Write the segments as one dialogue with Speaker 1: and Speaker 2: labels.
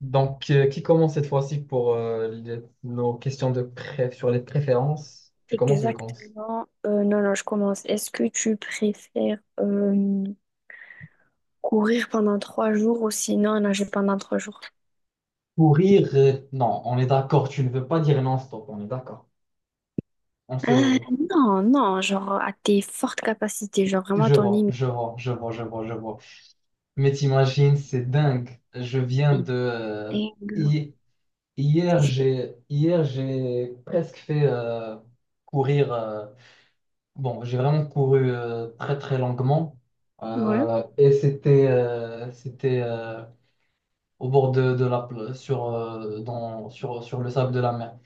Speaker 1: Donc, qui commence cette fois-ci pour nos questions de sur les préférences? Tu commences ou je commence?
Speaker 2: Exactement. Non, non, je commence. Est-ce que tu préfères courir pendant trois jours ou sinon nager pendant trois jours?
Speaker 1: Courir, non, on est d'accord, tu ne veux pas dire non-stop, on est d'accord. On
Speaker 2: Euh,
Speaker 1: se...
Speaker 2: non, non, genre à tes fortes capacités, genre vraiment à
Speaker 1: Je
Speaker 2: ton
Speaker 1: vois,
Speaker 2: limite.
Speaker 1: je vois, je vois, je vois, je vois. Mais t'imagines, c'est dingue. Je viens
Speaker 2: Et-
Speaker 1: de...
Speaker 2: et-
Speaker 1: hi- Hier, j'ai presque fait courir... bon, j'ai vraiment couru très, très longuement.
Speaker 2: Ouais.
Speaker 1: Et c'était... c'était... au bord de la sur, dans, sur le sable de la mer.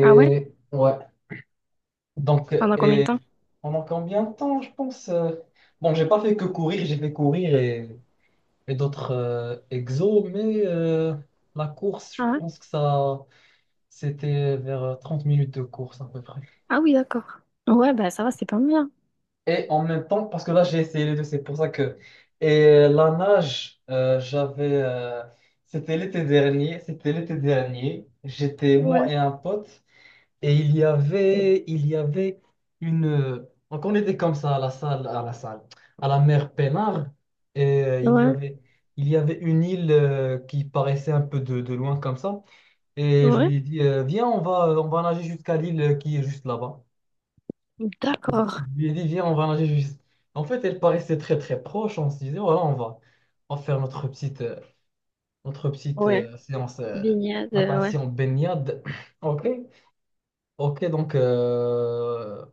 Speaker 2: Ah ouais?
Speaker 1: ouais, donc
Speaker 2: Pendant combien de temps?
Speaker 1: pendant combien de temps, je pense, bon, j'ai pas fait que courir, j'ai fait courir d'autres exos, mais la course, je
Speaker 2: Ah ouais?
Speaker 1: pense que ça c'était vers 30 minutes de course à peu près.
Speaker 2: Ah oui, d'accord. Ouais, bah ça va, c'est pas mal, hein.
Speaker 1: Et en même temps, parce que là, j'ai essayé les deux, c'est pour ça que. Et la nage, j'avais, c'était l'été dernier, c'était l'été dernier. J'étais moi
Speaker 2: Ouais,
Speaker 1: et un pote, et il y avait une. Donc, on était comme ça à la salle, à la mer Pénard, et
Speaker 2: ouais,
Speaker 1: il y avait une île, qui paraissait un peu de loin comme ça. Et je
Speaker 2: ouais.
Speaker 1: lui ai dit, viens, on va nager jusqu'à l'île, qui est juste là-bas. Je
Speaker 2: D'accord.
Speaker 1: lui ai dit, viens, on va nager juste. En fait, elle paraissait très très proche. On se disait, voilà, on va faire notre petite
Speaker 2: Ouais.
Speaker 1: séance,
Speaker 2: Baignade, ouais.
Speaker 1: natation baignade. Ok, ok, donc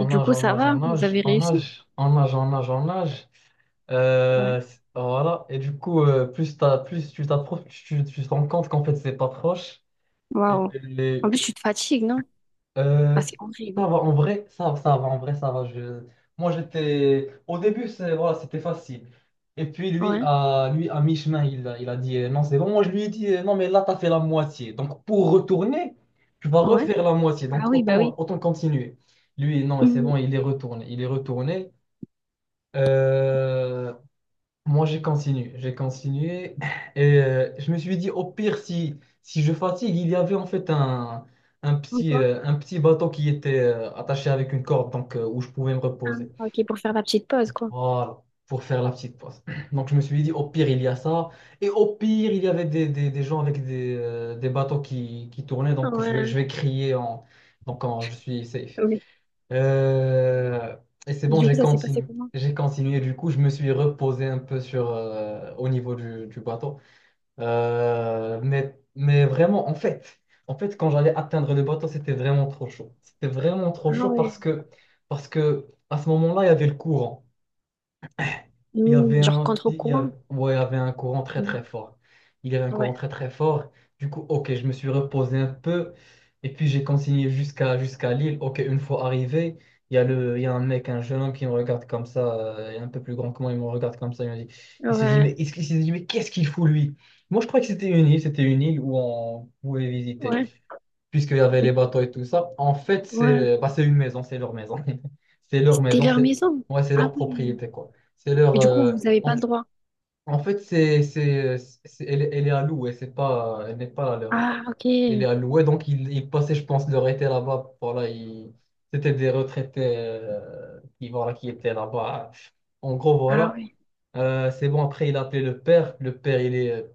Speaker 2: Et du
Speaker 1: nage,
Speaker 2: coup,
Speaker 1: on
Speaker 2: ça
Speaker 1: nage, on
Speaker 2: va? Vous
Speaker 1: nage,
Speaker 2: avez
Speaker 1: on
Speaker 2: réussi?
Speaker 1: nage, on nage, on nage, on nage.
Speaker 2: Ouais.
Speaker 1: Voilà, et du coup, plus tu t'approches, tu te rends compte qu'en fait, c'est pas proche.
Speaker 2: Waouh. En
Speaker 1: Et,
Speaker 2: plus, tu te fatigues, non? Ah,
Speaker 1: Ça
Speaker 2: c'est horrible.
Speaker 1: va, en vrai, ça va, en vrai, ça va. Je... Moi, j'étais... Au début, voilà, c'était facile. Et puis,
Speaker 2: Ouais,
Speaker 1: lui, à mi-chemin, il a dit, non, c'est bon. Moi, je lui ai dit, non, mais là, t'as fait la moitié. Donc, pour retourner, tu vas
Speaker 2: ouais.
Speaker 1: refaire la moitié.
Speaker 2: Ah
Speaker 1: Donc,
Speaker 2: oui, bah oui.
Speaker 1: autant continuer. Lui, non, mais c'est
Speaker 2: Mhm.
Speaker 1: bon, il est retourné. Il est retourné. Euh, moi, j'ai continué et je me suis dit au pire, si je fatigue, il y avait en fait un
Speaker 2: Encore?
Speaker 1: petit bateau qui était attaché avec une corde, donc où je pouvais me
Speaker 2: Ah,
Speaker 1: reposer.
Speaker 2: ok, pour faire la petite pause, quoi.
Speaker 1: Voilà, pour faire la petite pause. Donc je me suis dit, au pire, il y a ça. Et au pire, il y avait des gens avec des bateaux qui tournaient.
Speaker 2: Ah
Speaker 1: Donc je
Speaker 2: ouais,
Speaker 1: vais crier en... Donc je suis safe.
Speaker 2: oui.
Speaker 1: Euh, Et c'est
Speaker 2: Et
Speaker 1: bon,
Speaker 2: du coup,
Speaker 1: j'ai
Speaker 2: ça s'est passé
Speaker 1: continué.
Speaker 2: comment?
Speaker 1: J'ai continué. Du coup, je me suis reposé un peu au niveau du bateau. Mais vraiment, en fait, quand j'allais atteindre le bateau, c'était vraiment trop chaud. C'était vraiment trop
Speaker 2: Ah
Speaker 1: chaud
Speaker 2: ouais.
Speaker 1: parce que à ce moment-là, il y avait le courant. Il y
Speaker 2: Mhm,
Speaker 1: avait
Speaker 2: genre
Speaker 1: un, il y a-
Speaker 2: contre-courant.
Speaker 1: ouais, il y avait un courant très
Speaker 2: Mhm.
Speaker 1: très fort. Il y avait un courant
Speaker 2: Ouais,
Speaker 1: très très fort. Du coup, ok, je me suis reposé un peu. Et puis j'ai continué jusqu'à Lille. Ok, une fois arrivé, il y a un mec, un jeune homme qui me regarde comme ça, il est un peu plus grand que moi, il me regarde comme ça. Il me dit,
Speaker 2: ouais,
Speaker 1: il se dit, mais qu'est-ce qu'il fout lui? Moi, je crois que c'était une île où on pouvait visiter
Speaker 2: ouais,
Speaker 1: puisqu'il y avait les
Speaker 2: oui,
Speaker 1: bateaux et tout ça. En fait,
Speaker 2: ouais.
Speaker 1: c'est une maison, c'est leur maison. C'est leur
Speaker 2: C'était
Speaker 1: maison,
Speaker 2: leur
Speaker 1: c'est,
Speaker 2: maison.
Speaker 1: ouais, c'est leur
Speaker 2: Ah oui.
Speaker 1: propriété, quoi. C'est
Speaker 2: Et
Speaker 1: leur.
Speaker 2: du coup, vous n'avez pas
Speaker 1: En,
Speaker 2: le droit.
Speaker 1: en fait, elle est à louer, c'est pas, elle n'est pas la leur.
Speaker 2: Ah,
Speaker 1: Elle est
Speaker 2: ok.
Speaker 1: à louer, donc ils passaient, je pense, leur été là-bas. Voilà, c'était des retraités, voilà, qui étaient là-bas. En gros,
Speaker 2: Ah
Speaker 1: voilà.
Speaker 2: oui.
Speaker 1: C'est bon, après, il a appelé le père. Le père, il est.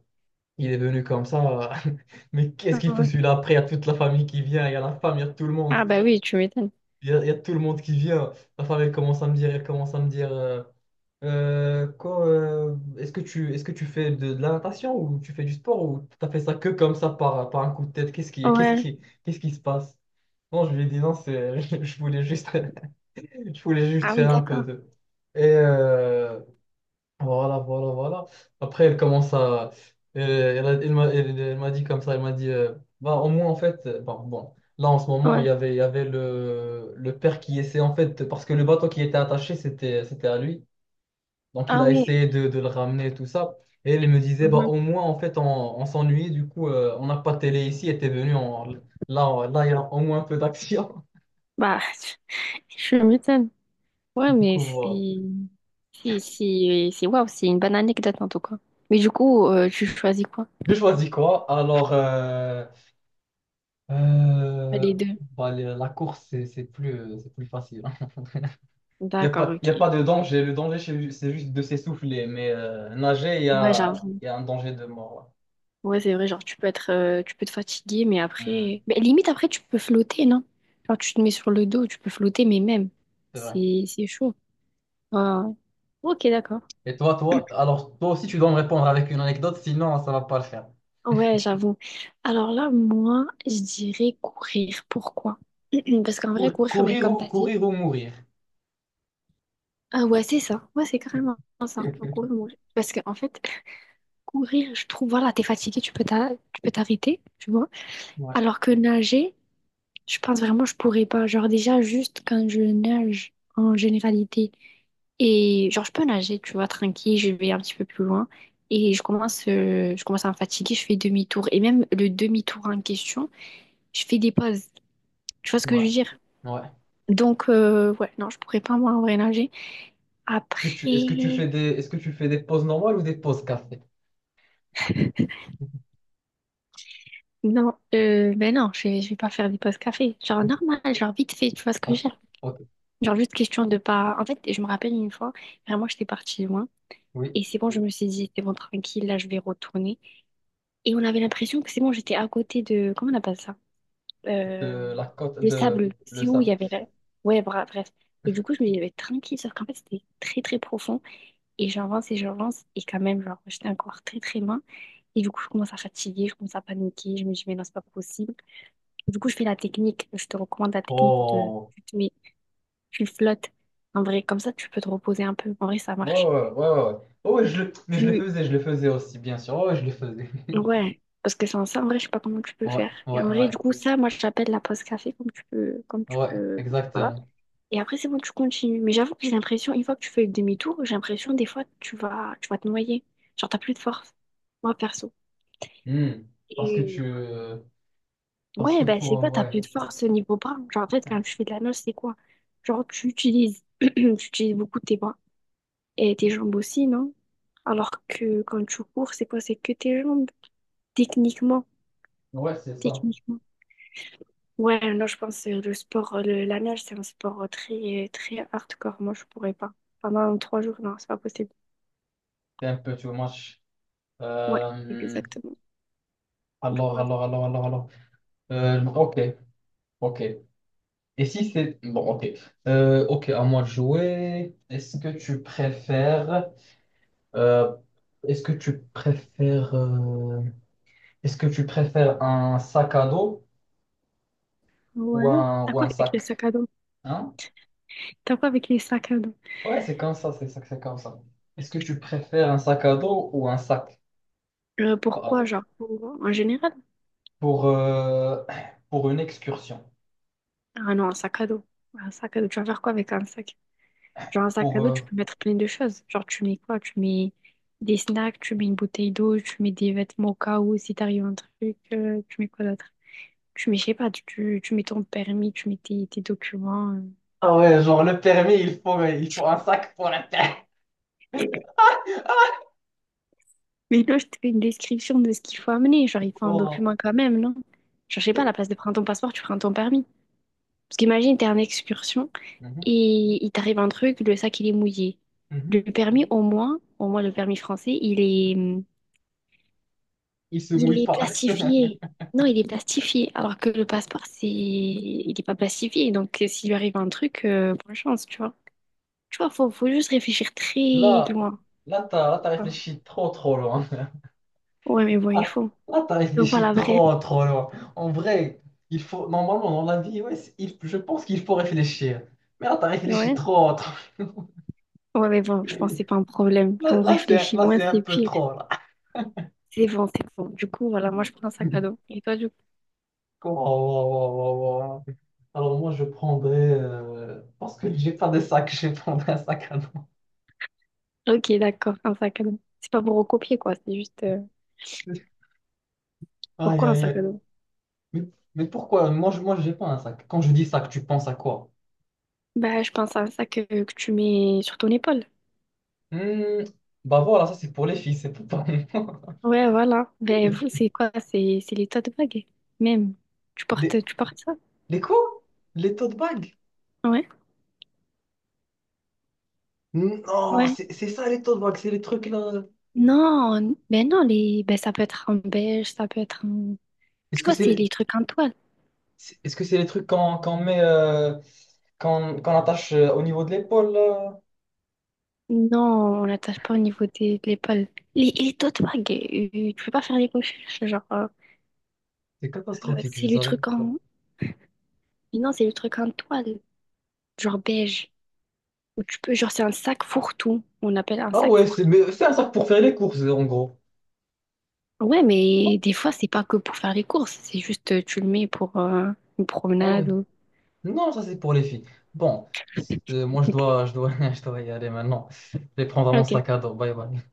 Speaker 1: Il est venu comme ça. Mais qu'est-ce
Speaker 2: Ah
Speaker 1: qu'il fout
Speaker 2: ouais.
Speaker 1: celui-là? Après, il y a toute la famille qui vient, il y a la femme, il y a tout le
Speaker 2: Ah
Speaker 1: monde.
Speaker 2: bah oui, tu m'étonnes.
Speaker 1: Il y a tout le monde qui vient. La femme, elle commence à me dire, quoi, est-ce que tu fais de la natation ou tu fais du sport ou t'as fait ça que comme ça par un coup de tête?
Speaker 2: Ouais.
Speaker 1: Qu'est-ce qui se passe? Non, je lui ai dit non, c'est, je voulais juste
Speaker 2: Ah oui,
Speaker 1: faire un peu
Speaker 2: d'accord.
Speaker 1: de. Et, voilà, voilà, voilà. Après, elle commence à, elle m'a dit comme ça, elle m'a dit, bah, au moins, en fait, bon, là, en ce moment,
Speaker 2: Ouais.
Speaker 1: il y avait le père qui essayait, en fait, parce que le bateau qui était attaché, c'était à lui. Donc, il
Speaker 2: Ah
Speaker 1: a
Speaker 2: oui.
Speaker 1: essayé de le ramener, et tout ça. Et elle me disait, bah,
Speaker 2: Mhm.
Speaker 1: au moins, en fait, on s'ennuyait, du coup, on n'a pas de télé ici, était venu, là, il y a au moins un peu d'action.
Speaker 2: Bah, tu m'étonnes. Ouais,
Speaker 1: Du
Speaker 2: mais
Speaker 1: coup,
Speaker 2: c'est
Speaker 1: voilà.
Speaker 2: si si c'est waouh, c'est une bonne anecdote en tout cas. Mais du coup, tu choisis quoi?
Speaker 1: J'ai choisi quoi? Alors, Euh,
Speaker 2: Les deux.
Speaker 1: bah, la course, c'est plus facile, hein. Il n'y a
Speaker 2: D'accord,
Speaker 1: pas, y a
Speaker 2: ok.
Speaker 1: pas de danger. Le danger, c'est juste de s'essouffler. Mais nager,
Speaker 2: Ouais, j'avoue.
Speaker 1: y a un danger de mort.
Speaker 2: Ouais, c'est vrai, genre tu peux être tu peux te fatiguer mais
Speaker 1: Ouais. Hmm.
Speaker 2: après mais limite après tu peux flotter, non? Genre tu te mets sur le dos, tu peux flotter mais même
Speaker 1: C'est vrai.
Speaker 2: c'est chaud. Ouais, ouais. OK, d'accord.
Speaker 1: Et toi, toi, alors toi aussi, tu dois me répondre avec une anecdote, sinon ça va pas le faire.
Speaker 2: Ouais, j'avoue. Alors là, moi, je dirais courir. Pourquoi? Parce qu'en vrai, courir, ben, comme t'as dit,
Speaker 1: Courir ou mourir.
Speaker 2: ah ouais, c'est ça. Ouais, c'est carrément ça. Le courir, mourir. Parce que, en fait, courir, je trouve, voilà, t'es fatigué, tu peux t'arrêter, tu vois.
Speaker 1: Ouais,
Speaker 2: Alors que nager, je pense vraiment, je pourrais pas. Genre, déjà, juste quand je nage en généralité, et genre, je peux nager, tu vois, tranquille, je vais un petit peu plus loin. Et je commence à me fatiguer, je fais demi-tour. Et même le demi-tour en question, je fais des pauses. Tu vois ce que
Speaker 1: ouais,
Speaker 2: je veux dire?
Speaker 1: ouais.
Speaker 2: Donc, ouais, non, je pourrais pas, moi, en vrai, nager. Après.
Speaker 1: Est-ce que tu fais des pauses normales ou des pauses café?
Speaker 2: Non, ben non, je vais pas faire des pauses café. Genre
Speaker 1: Ok,
Speaker 2: normal, genre vite fait, tu vois ce que je veux dire.
Speaker 1: ok, ok.
Speaker 2: Genre juste question de pas. En fait, je me rappelle une fois, vraiment, j'étais partie loin.
Speaker 1: Oui.
Speaker 2: Et c'est bon, je me suis dit, c'est bon, tranquille, là, je vais retourner. Et on avait l'impression que c'est bon, j'étais à côté de. Comment on appelle ça? Euh,
Speaker 1: De la côte
Speaker 2: le
Speaker 1: de
Speaker 2: sable.
Speaker 1: le
Speaker 2: C'est où il
Speaker 1: sable.
Speaker 2: y avait la... Ouais, bref. Et du coup, je me disais, tranquille, sauf qu'en fait, c'était très, très profond. Et j'avance et j'avance. Et quand même, genre, j'étais encore très, très loin. Et du coup, je commence à fatiguer, je commence à paniquer. Je me dis, mais non, c'est pas possible. Du coup, je fais la technique. Je te recommande la technique de
Speaker 1: Oh.
Speaker 2: tu te mets, tu flottes. En vrai, comme ça, tu peux te reposer un peu. En vrai, ça
Speaker 1: Ouais,
Speaker 2: marche.
Speaker 1: ouais, ouais, ouais, ouais. Oh, ouais, je le... Mais
Speaker 2: Tu...
Speaker 1: je le faisais aussi, bien sûr. Oh, ouais, je le faisais.
Speaker 2: Ouais, parce que sans ça, en vrai, je sais pas comment tu peux
Speaker 1: Ouais,
Speaker 2: faire. Et en
Speaker 1: ouais,
Speaker 2: vrai,
Speaker 1: ouais.
Speaker 2: du coup, ça, moi, je l'appelle la pause café, comme tu
Speaker 1: Ouais,
Speaker 2: peux, voilà.
Speaker 1: exactement.
Speaker 2: Et après, c'est bon, tu continues. Mais j'avoue que j'ai l'impression, une fois que tu fais le demi-tour, j'ai l'impression, des fois, tu vas te noyer. Genre, t'as plus de force. Moi, perso.
Speaker 1: Hmm. Parce que
Speaker 2: Et
Speaker 1: tu... parce que
Speaker 2: ouais, ben, c'est
Speaker 1: pour...
Speaker 2: quoi, t'as
Speaker 1: Ouais.
Speaker 2: plus de force au niveau bras. Genre, en fait, quand tu fais de la nage, c'est quoi? Genre, tu utilises beaucoup tes bras. Et tes jambes aussi, non? Alors que quand tu cours, c'est quoi? C'est que tes jambes. Techniquement.
Speaker 1: Ouais, c'est ça.
Speaker 2: Techniquement. Ouais, non, je pense que le sport, la nage, c'est un sport très, très hardcore. Moi, je pourrais pas. Pendant trois jours, non, c'est pas possible.
Speaker 1: C'est un peu too much.
Speaker 2: Ouais,
Speaker 1: Euh,
Speaker 2: exactement. Du coup,
Speaker 1: Alors, alors. Ok, ok. Et si c'est... Bon, ok. Ok, à moi de jouer. Est-ce que tu préfères... euh, Est-ce que tu préfères... Est-ce que tu préfères un sac à dos
Speaker 2: ouais. T'as
Speaker 1: ou
Speaker 2: quoi
Speaker 1: un
Speaker 2: avec les
Speaker 1: sac?
Speaker 2: sacs à dos?
Speaker 1: Hein?
Speaker 2: T'as quoi avec les sacs à dos?
Speaker 1: Ouais, c'est comme ça, c'est comme ça. Est-ce que tu préfères un sac à dos ou un sac pas à
Speaker 2: Pourquoi,
Speaker 1: dos
Speaker 2: genre, en général?
Speaker 1: pour, euh, pour une excursion?
Speaker 2: Ah non, un sac à dos. Un sac à dos. Tu vas faire quoi avec un sac? Genre, un sac
Speaker 1: Pour,
Speaker 2: à dos,
Speaker 1: euh,
Speaker 2: tu peux mettre plein de choses. Genre, tu mets quoi? Tu mets des snacks, tu mets une bouteille d'eau, tu mets des vêtements au cas où, si t'arrive un truc, tu mets quoi d'autre? Tu mets, je sais pas, tu mets ton permis, tu mets tes documents.
Speaker 1: Ah ouais, genre le permis, il faut un sac pour la terre.
Speaker 2: Mais là, je te fais une description de ce qu'il faut amener. Genre, il faut un
Speaker 1: Oh.
Speaker 2: document quand même, non? Genre, je sais pas, à la place de prendre ton passeport, tu prends ton permis. Parce qu'imagine, t'es en excursion
Speaker 1: Mhm,
Speaker 2: et il t'arrive un truc, le sac, il est mouillé. Le
Speaker 1: mhm.
Speaker 2: permis, au moins le permis français, il est,
Speaker 1: Il se
Speaker 2: il
Speaker 1: mouille
Speaker 2: est
Speaker 1: pas.
Speaker 2: plastifié. Non, il est plastifié. Alors que le passeport, c'est... il n'est pas plastifié. Donc, s'il lui arrive un truc, bonne chance, tu vois. Tu vois, faut juste réfléchir très
Speaker 1: Là,
Speaker 2: loin.
Speaker 1: Là, là, t'as
Speaker 2: Voilà.
Speaker 1: réfléchi trop, trop loin.
Speaker 2: Ouais, mais bon, il
Speaker 1: Ah.
Speaker 2: faut.
Speaker 1: Là, t'as
Speaker 2: Donc,
Speaker 1: réfléchi
Speaker 2: voilà, vrai.
Speaker 1: trop, trop loin. En vrai, il faut, normalement, dans la vie, ouais, je pense qu'il faut réfléchir. Mais là, t'as réfléchi
Speaker 2: Ouais.
Speaker 1: trop, trop.
Speaker 2: Ouais, mais bon, je pense que c'est pas un problème. Quand on
Speaker 1: Là,
Speaker 2: réfléchit moins,
Speaker 1: c'est un
Speaker 2: c'est
Speaker 1: peu
Speaker 2: pire.
Speaker 1: trop, là.
Speaker 2: C'est bon, c'est bon. Du coup, voilà, moi, je prends un sac à dos. Et toi, du coup?
Speaker 1: Waouh, waouh, waouh, waouh, waouh. Alors moi, je prendrais... parce que j'ai pas de sac, je prendrais un sac à dos.
Speaker 2: Ok, d'accord, un sac à dos. C'est pas pour recopier, quoi.
Speaker 1: Aïe,
Speaker 2: Pourquoi un
Speaker 1: aïe,
Speaker 2: sac
Speaker 1: aïe.
Speaker 2: à dos?
Speaker 1: Mais, mais pourquoi? Moi, j'ai pas un sac. Quand je dis sac, tu penses à quoi?
Speaker 2: Bah, je pense à un sac que tu mets sur ton épaule.
Speaker 1: Hmm, bah voilà, ça, c'est pour les filles, c'est pas pour moi.
Speaker 2: Ouais, voilà. Ben, vous, c'est quoi? C'est les tote bags, même.
Speaker 1: Les,
Speaker 2: Tu portes ça?
Speaker 1: les quoi? Les tote bags?
Speaker 2: Ouais.
Speaker 1: Non,
Speaker 2: Ouais.
Speaker 1: c'est ça, les tote bags, c'est les trucs, là.
Speaker 2: Non, ben non, les... ben, ça peut être en beige, ça peut être en...
Speaker 1: Est-ce
Speaker 2: Tu
Speaker 1: que
Speaker 2: vois,
Speaker 1: c'est
Speaker 2: c'est
Speaker 1: les,
Speaker 2: les trucs en toile.
Speaker 1: est-ce que c'est les trucs qu'on met... qu'on attache, au niveau de l'épaule, là?
Speaker 2: Non, on l'attache pas au niveau de l'épaule. Les tote bags, tu peux pas faire les coquilles, genre,
Speaker 1: C'est catastrophique, je
Speaker 2: c'est le
Speaker 1: savais.
Speaker 2: truc en... Non, c'est le truc en toile, genre beige. Ou tu peux, genre, c'est un sac fourre-tout. On appelle un
Speaker 1: Ah
Speaker 2: sac
Speaker 1: ouais, c'est mais c'est un sac pour faire les courses, en gros.
Speaker 2: ouais, mais des fois, c'est pas que pour faire les courses, c'est juste tu le mets pour une
Speaker 1: Ah ouais.
Speaker 2: promenade ou...
Speaker 1: Non, ça c'est pour les filles. Bon, moi je
Speaker 2: Ok.
Speaker 1: dois, je dois y aller maintenant. Je vais prendre mon sac
Speaker 2: Ok.
Speaker 1: à dos. Bye bye.